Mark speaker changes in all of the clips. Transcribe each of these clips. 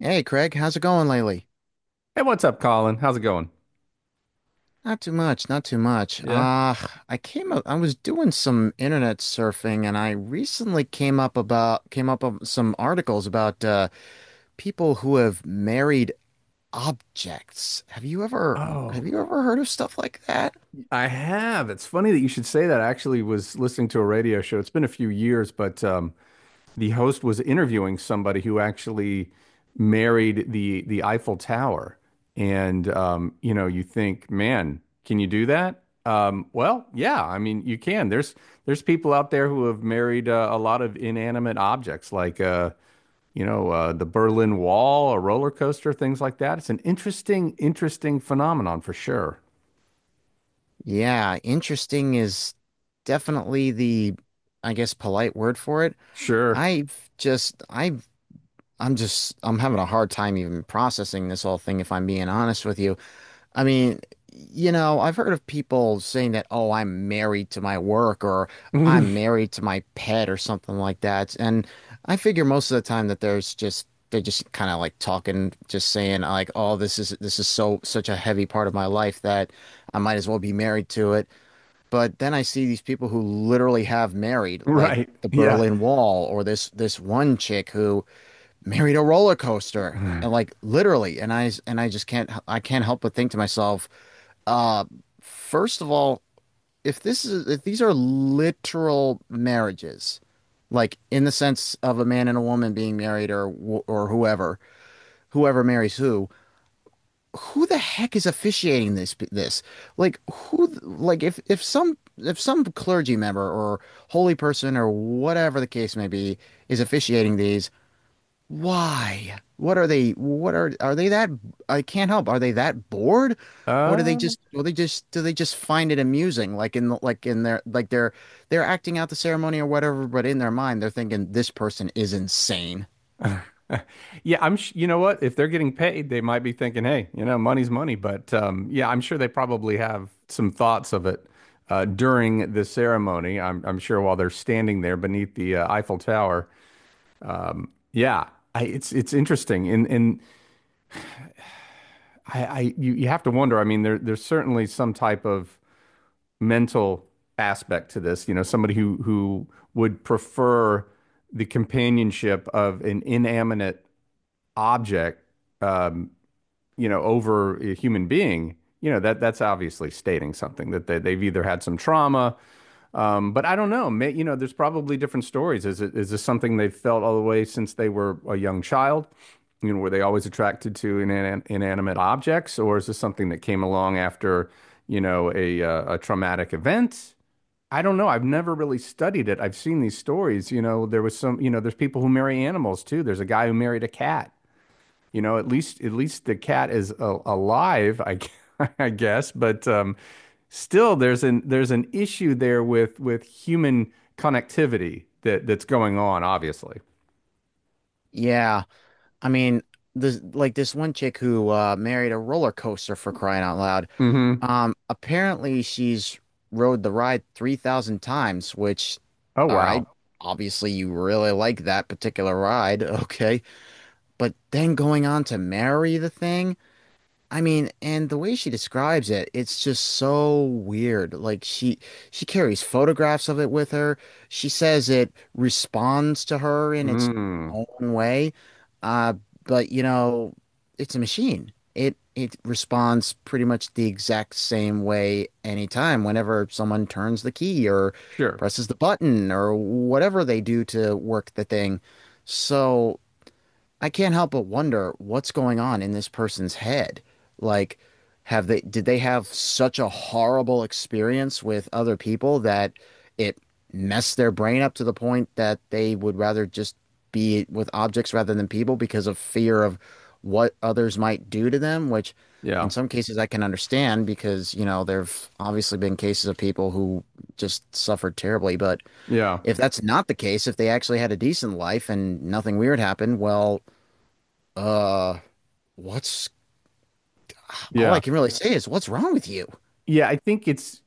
Speaker 1: Hey Craig, how's it going lately?
Speaker 2: Hey, what's up, Colin? How's it going?
Speaker 1: Not too much, not too much.
Speaker 2: Yeah.
Speaker 1: I was doing some internet surfing and I recently came up with some articles about people who have married objects.
Speaker 2: Oh,
Speaker 1: Have you
Speaker 2: my-
Speaker 1: ever heard of stuff like that?
Speaker 2: I have. It's funny that you should say that. I actually was listening to a radio show. It's been a few years, but the host was interviewing somebody who actually married the Eiffel Tower. And You know, you think, man, can you do that? Well, yeah. I mean, you can. There's people out there who have married a lot of inanimate objects, like you know, the Berlin Wall, a roller coaster, things like that. It's an interesting phenomenon for sure.
Speaker 1: Yeah, interesting is definitely the I guess polite word for it.
Speaker 2: Sure.
Speaker 1: I've I'm having a hard time even processing this whole thing if I'm being honest with you. I mean, you know, I've heard of people saying that, oh, I'm married to my work or I'm married to my pet or something like that. And I figure most of the time that there's just they're just kind of like talking, just saying like, oh, this is so such a heavy part of my life that I might as well be married to it. But then I see these people who literally have married, like
Speaker 2: Right.
Speaker 1: the
Speaker 2: Yeah.
Speaker 1: Berlin Wall or this one chick who married a roller coaster. And like literally, and I just can't I can't help but think to myself, uh, first of all, if this is if these are literal marriages, like in the sense of a man and a woman being married or whoever, whoever marries who the heck is officiating this? Like who like if some clergy member or holy person or whatever the case may be is officiating these, why? What are they? What are they that? I can't help. Are they that bored, or do they
Speaker 2: Uh,
Speaker 1: just? Or they just? Do they just find it amusing? Like in their like they're acting out the ceremony or whatever, but in their mind they're thinking this person is insane.
Speaker 2: yeah, I'm, sh- You know what? If they're getting paid, they might be thinking, hey, you know, money's money. But yeah, I'm sure they probably have some thoughts of it during the ceremony. I'm sure while they're standing there beneath the Eiffel Tower. Yeah, it's interesting, and you have to wonder. I mean, there's certainly some type of mental aspect to this, you know, somebody who would prefer the companionship of an inanimate object, um, you know, over a human being, you know, that that's obviously stating something that they've either had some trauma, but I don't know. You know, there's probably different stories. Is this something they've felt all the way since they were a young child? You know, were they always attracted to inanimate objects, or is this something that came along after, you know, a traumatic event? I don't know. I've never really studied it. I've seen these stories. You know, there's people who marry animals too. There's a guy who married a cat. You know, at least the cat is a alive, g- I guess, but still there's an issue there with human connectivity that that's going on, obviously.
Speaker 1: Yeah, I mean this one chick who married a roller coaster for crying out loud.
Speaker 2: Hmm.
Speaker 1: Apparently she's rode the ride 3,000 times, which,
Speaker 2: Oh,
Speaker 1: all
Speaker 2: wow.
Speaker 1: right, obviously you really like that particular ride. Okay. But then going on to marry the thing, I mean, and the way she describes it, it's just so weird. She carries photographs of it with her. She says it responds to her in its
Speaker 2: Mm.
Speaker 1: own way. Uh, but you know, it's a machine. It responds pretty much the exact same way anytime, whenever someone turns the key or
Speaker 2: Sure.
Speaker 1: presses the button or whatever they do to work the thing. So I can't help but wonder what's going on in this person's head. Like, did they have such a horrible experience with other people that it messed their brain up to the point that they would rather just be with objects rather than people because of fear of what others might do to them, which
Speaker 2: Yeah.
Speaker 1: in some cases I can understand because, you know, there've obviously been cases of people who just suffered terribly. But
Speaker 2: Yeah.
Speaker 1: if that's not the case, if they actually had a decent life and nothing weird happened, well, uh, what's all I
Speaker 2: Yeah.
Speaker 1: can really say is what's wrong with you?
Speaker 2: Yeah, I think it's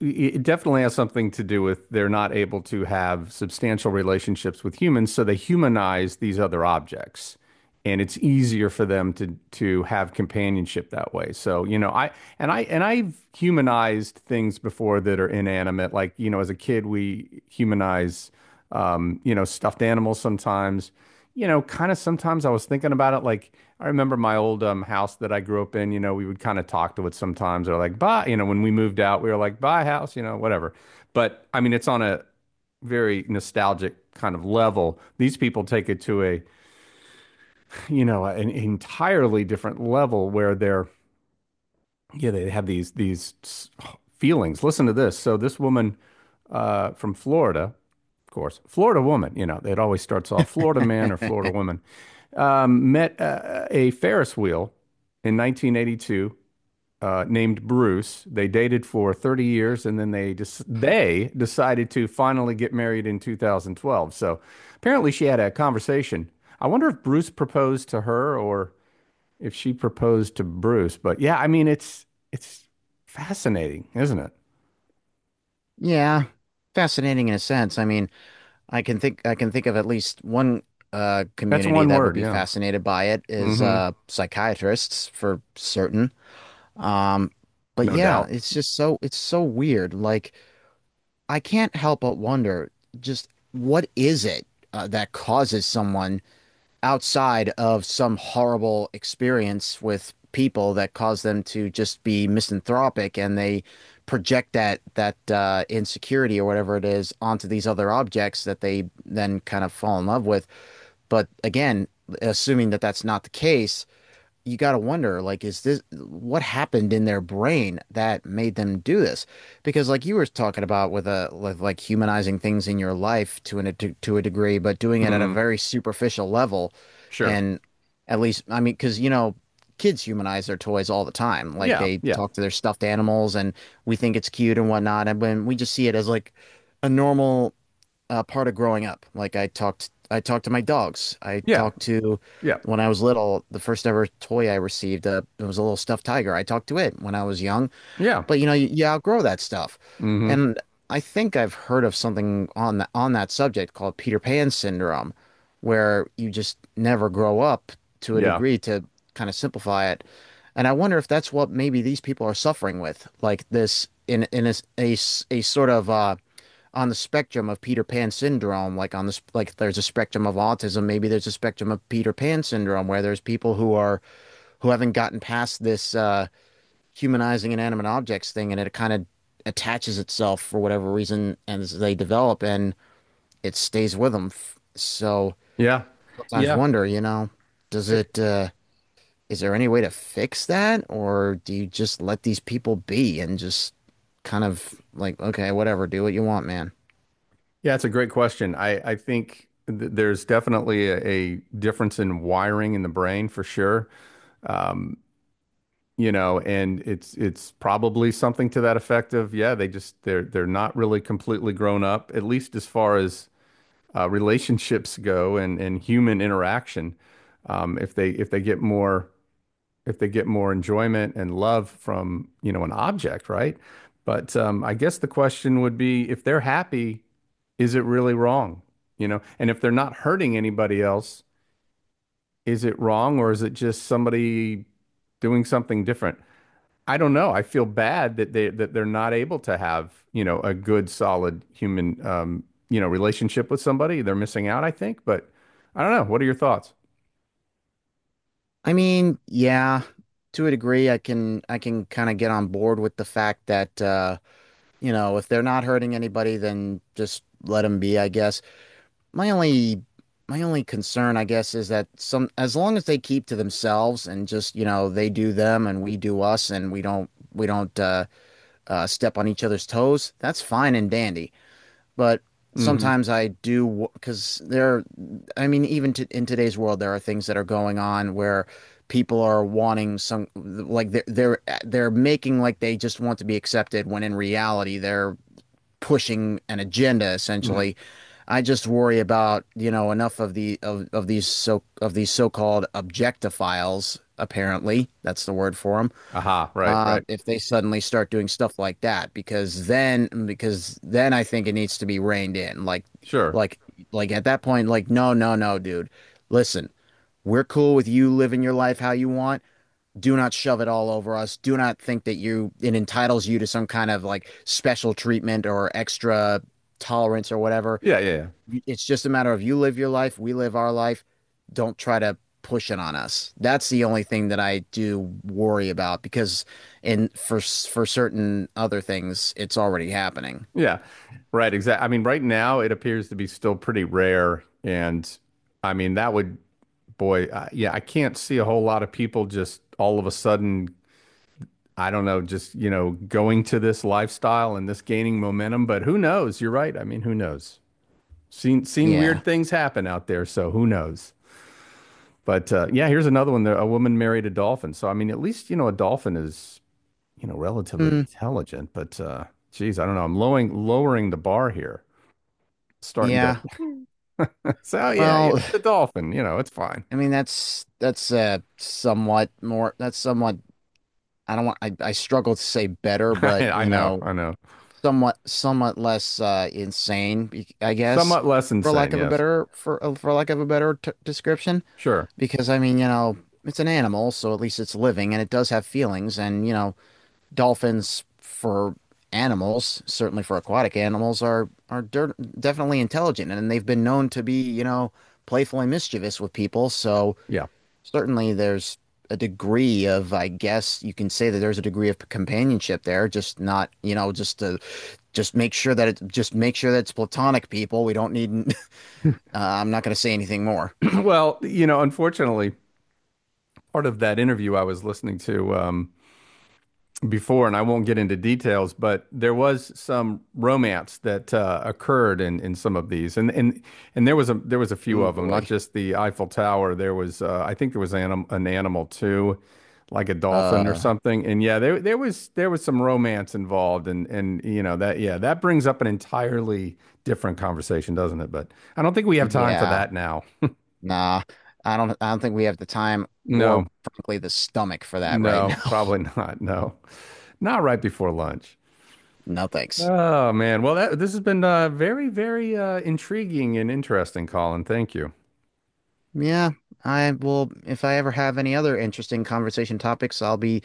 Speaker 2: it definitely has something to do with they're not able to have substantial relationships with humans, so they humanize these other objects. And it's easier for them to have companionship that way. So, you know, I've humanized things before that are inanimate. Like, you know, as a kid, we humanize you know, stuffed animals sometimes, you know, kind of sometimes I was thinking about it. Like, I remember my old house that I grew up in, you know, we would kind of talk to it sometimes or like, buy, you know, when we moved out, we were like, buy a house, you know, whatever. But I mean, it's on a very nostalgic kind of level. These people take it to you know, an entirely different level where yeah, they have these feelings. Listen to this. So this woman from Florida, of course, Florida woman, you know, it always starts off Florida man or Florida woman, met a Ferris wheel in 1982, named Bruce. They dated for 30 years and then they decided to finally get married in 2012. So apparently she had a conversation. I wonder if Bruce proposed to her or if she proposed to Bruce. But yeah, I mean it's fascinating, isn't it?
Speaker 1: Yeah, fascinating in a sense. I mean, I can think of at least one
Speaker 2: That's
Speaker 1: community
Speaker 2: one
Speaker 1: that would
Speaker 2: word,
Speaker 1: be
Speaker 2: yeah.
Speaker 1: fascinated by it is
Speaker 2: Hmm.
Speaker 1: psychiatrists for certain. Um, but
Speaker 2: No
Speaker 1: yeah,
Speaker 2: doubt.
Speaker 1: it's so weird. Like I can't help but wonder just what is it that causes someone outside of some horrible experience with people that cause them to just be misanthropic and they project that insecurity or whatever it is onto these other objects that they then kind of fall in love with. But again, assuming that that's not the case, you got to wonder like is this what happened in their brain that made them do this because like you were talking about with like humanizing things in your life to a degree but doing it at a
Speaker 2: Hmm.
Speaker 1: very superficial level
Speaker 2: Sure.
Speaker 1: and at least I mean because you know kids humanize their toys all the time like
Speaker 2: Yeah,
Speaker 1: they
Speaker 2: yeah,
Speaker 1: talk to their stuffed animals and we think it's cute and whatnot and when we just see it as like a normal part of growing up. I talked to my dogs. I
Speaker 2: yeah,
Speaker 1: talked to
Speaker 2: yeah,
Speaker 1: when I was little. The first ever toy I received, it was a little stuffed tiger. I talked to it when I was young.
Speaker 2: yeah.
Speaker 1: But you know, you outgrow that stuff.
Speaker 2: Hmm.
Speaker 1: And I think I've heard of something on that subject called Peter Pan syndrome, where you just never grow up to a
Speaker 2: Yeah.
Speaker 1: degree to kind of simplify it. And I wonder if that's what maybe these people are suffering with, like this in a, a sort of on the spectrum of Peter Pan syndrome, like on this, like there's a spectrum of autism. Maybe there's a spectrum of Peter Pan syndrome where there's people who are who haven't gotten past this humanizing inanimate objects thing, and it kind of attaches itself for whatever reason as they develop, and it stays with them. So
Speaker 2: Yeah.
Speaker 1: sometimes
Speaker 2: Yeah.
Speaker 1: wonder, you know, does
Speaker 2: It-
Speaker 1: it? Is there any way to fix that, or do you just let these people be and just kind of like, okay, whatever, do what you want, man?
Speaker 2: Yeah, it's a great question. I think th there's definitely a difference in wiring in the brain for sure. Um, you know, and it's probably something to that effect of, yeah, they're not really completely grown up, at least as far as relationships go and human interaction. If they if they get more if they get more enjoyment and love from, you know, an object, right? But I guess the question would be if they're happy, is it really wrong? You know, and if they're not hurting anybody else, is it wrong or is it just somebody doing something different? I don't know. I feel bad that they're not able to have, you know, a good, solid human, you know, relationship with somebody. They're missing out, I think. But I don't know. What are your thoughts?
Speaker 1: I mean, yeah, to a degree, I can kind of get on board with the fact that you know, if they're not hurting anybody, then just let them be, I guess. My only my only concern, I guess, is that some as long as they keep to themselves and just, you know, they do them and we do us and we don't step on each other's toes, that's fine and dandy but
Speaker 2: Mm-hmm.
Speaker 1: sometimes I do because there, I mean, in today's world, there are things that are going on where people are wanting some, like they're making like they just want to be accepted when in reality they're pushing an agenda
Speaker 2: Hmm.
Speaker 1: essentially. I just worry about, you know, enough of these of these so-called objectophiles, apparently. That's the word for them
Speaker 2: Aha. Right. Right.
Speaker 1: if they suddenly start doing stuff like that, because then I think it needs to be reined in. Like
Speaker 2: Sure.
Speaker 1: like like at that point, like no, no, no, dude. Listen, we're cool with you living your life how you want. Do not shove it all over us. Do not think that you it entitles you to some kind of like special treatment or extra tolerance or whatever.
Speaker 2: Yeah. Yeah. Yeah.
Speaker 1: It's just a matter of you live your life, we live our life. Don't try to push it on us. That's the only thing that I do worry about because in for certain other things, it's already happening.
Speaker 2: Yeah, right. Exactly. I mean, right now it appears to be still pretty rare. And I mean, that would, boy, yeah, I can't see a whole lot of people just all of a sudden, I don't know, just, you know, going to this lifestyle and this gaining momentum. But who knows? You're right. I mean, who knows? Seen
Speaker 1: Yeah.
Speaker 2: weird things happen out there. So who knows? But yeah, here's another one. A woman married a dolphin. So, I mean, at least, you know, a dolphin is, you know, relatively
Speaker 1: Hmm.
Speaker 2: intelligent. But geez, I don't know. I'm lowering the bar here starting to.
Speaker 1: yeah.
Speaker 2: So yeah, you know,
Speaker 1: Well,
Speaker 2: the dolphin, you know, it's fine.
Speaker 1: I mean that's somewhat more that's somewhat I don't want I struggle to say better, but
Speaker 2: I
Speaker 1: you
Speaker 2: know,
Speaker 1: know,
Speaker 2: I know.
Speaker 1: somewhat somewhat less insane, I guess,
Speaker 2: Somewhat less insane, yes.
Speaker 1: for lack of a better t description.
Speaker 2: Sure.
Speaker 1: Because I mean, you know, it's an animal, so at least it's living and it does have feelings. And, you know, dolphins for animals, certainly for aquatic animals, are definitely intelligent and they've been known to be, you know, playful and mischievous with people. So
Speaker 2: Yeah.
Speaker 1: certainly there's a degree of, I guess you can say that there's a degree of companionship there, just not, you know, just make sure that it just make sure that it's platonic people. We don't need, I'm not going to say anything more.
Speaker 2: Well, you know, unfortunately, part of that interview I was listening to, before, and I won't get into details, but there was some romance that occurred in some of these, and there was a few
Speaker 1: Ooh
Speaker 2: of them, not
Speaker 1: boy.
Speaker 2: just the Eiffel Tower. There was I think there was anim an animal too, like a dolphin or
Speaker 1: Uh,
Speaker 2: something. And yeah, there was some romance involved, and you know that yeah that brings up an entirely different conversation, doesn't it? But I don't think we have time for
Speaker 1: yeah.
Speaker 2: that now.
Speaker 1: Nah, I don't think we have the time
Speaker 2: No,
Speaker 1: or frankly the stomach for that right
Speaker 2: no,
Speaker 1: now.
Speaker 2: probably not. No, not right before lunch.
Speaker 1: No thanks.
Speaker 2: Oh man. Well, that this has been very, very intriguing and interesting, Colin. Thank you.
Speaker 1: Yeah, I will if I ever have any other interesting conversation topics, I'll be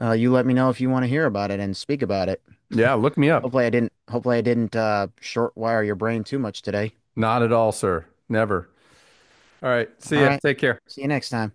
Speaker 1: you let me know if you want to hear about it and speak about it.
Speaker 2: Yeah, look me up.
Speaker 1: Hopefully I didn't short wire your brain too much today.
Speaker 2: Not at all, sir. Never. All right. See
Speaker 1: All
Speaker 2: ya.
Speaker 1: right.
Speaker 2: Take care.
Speaker 1: See you next time.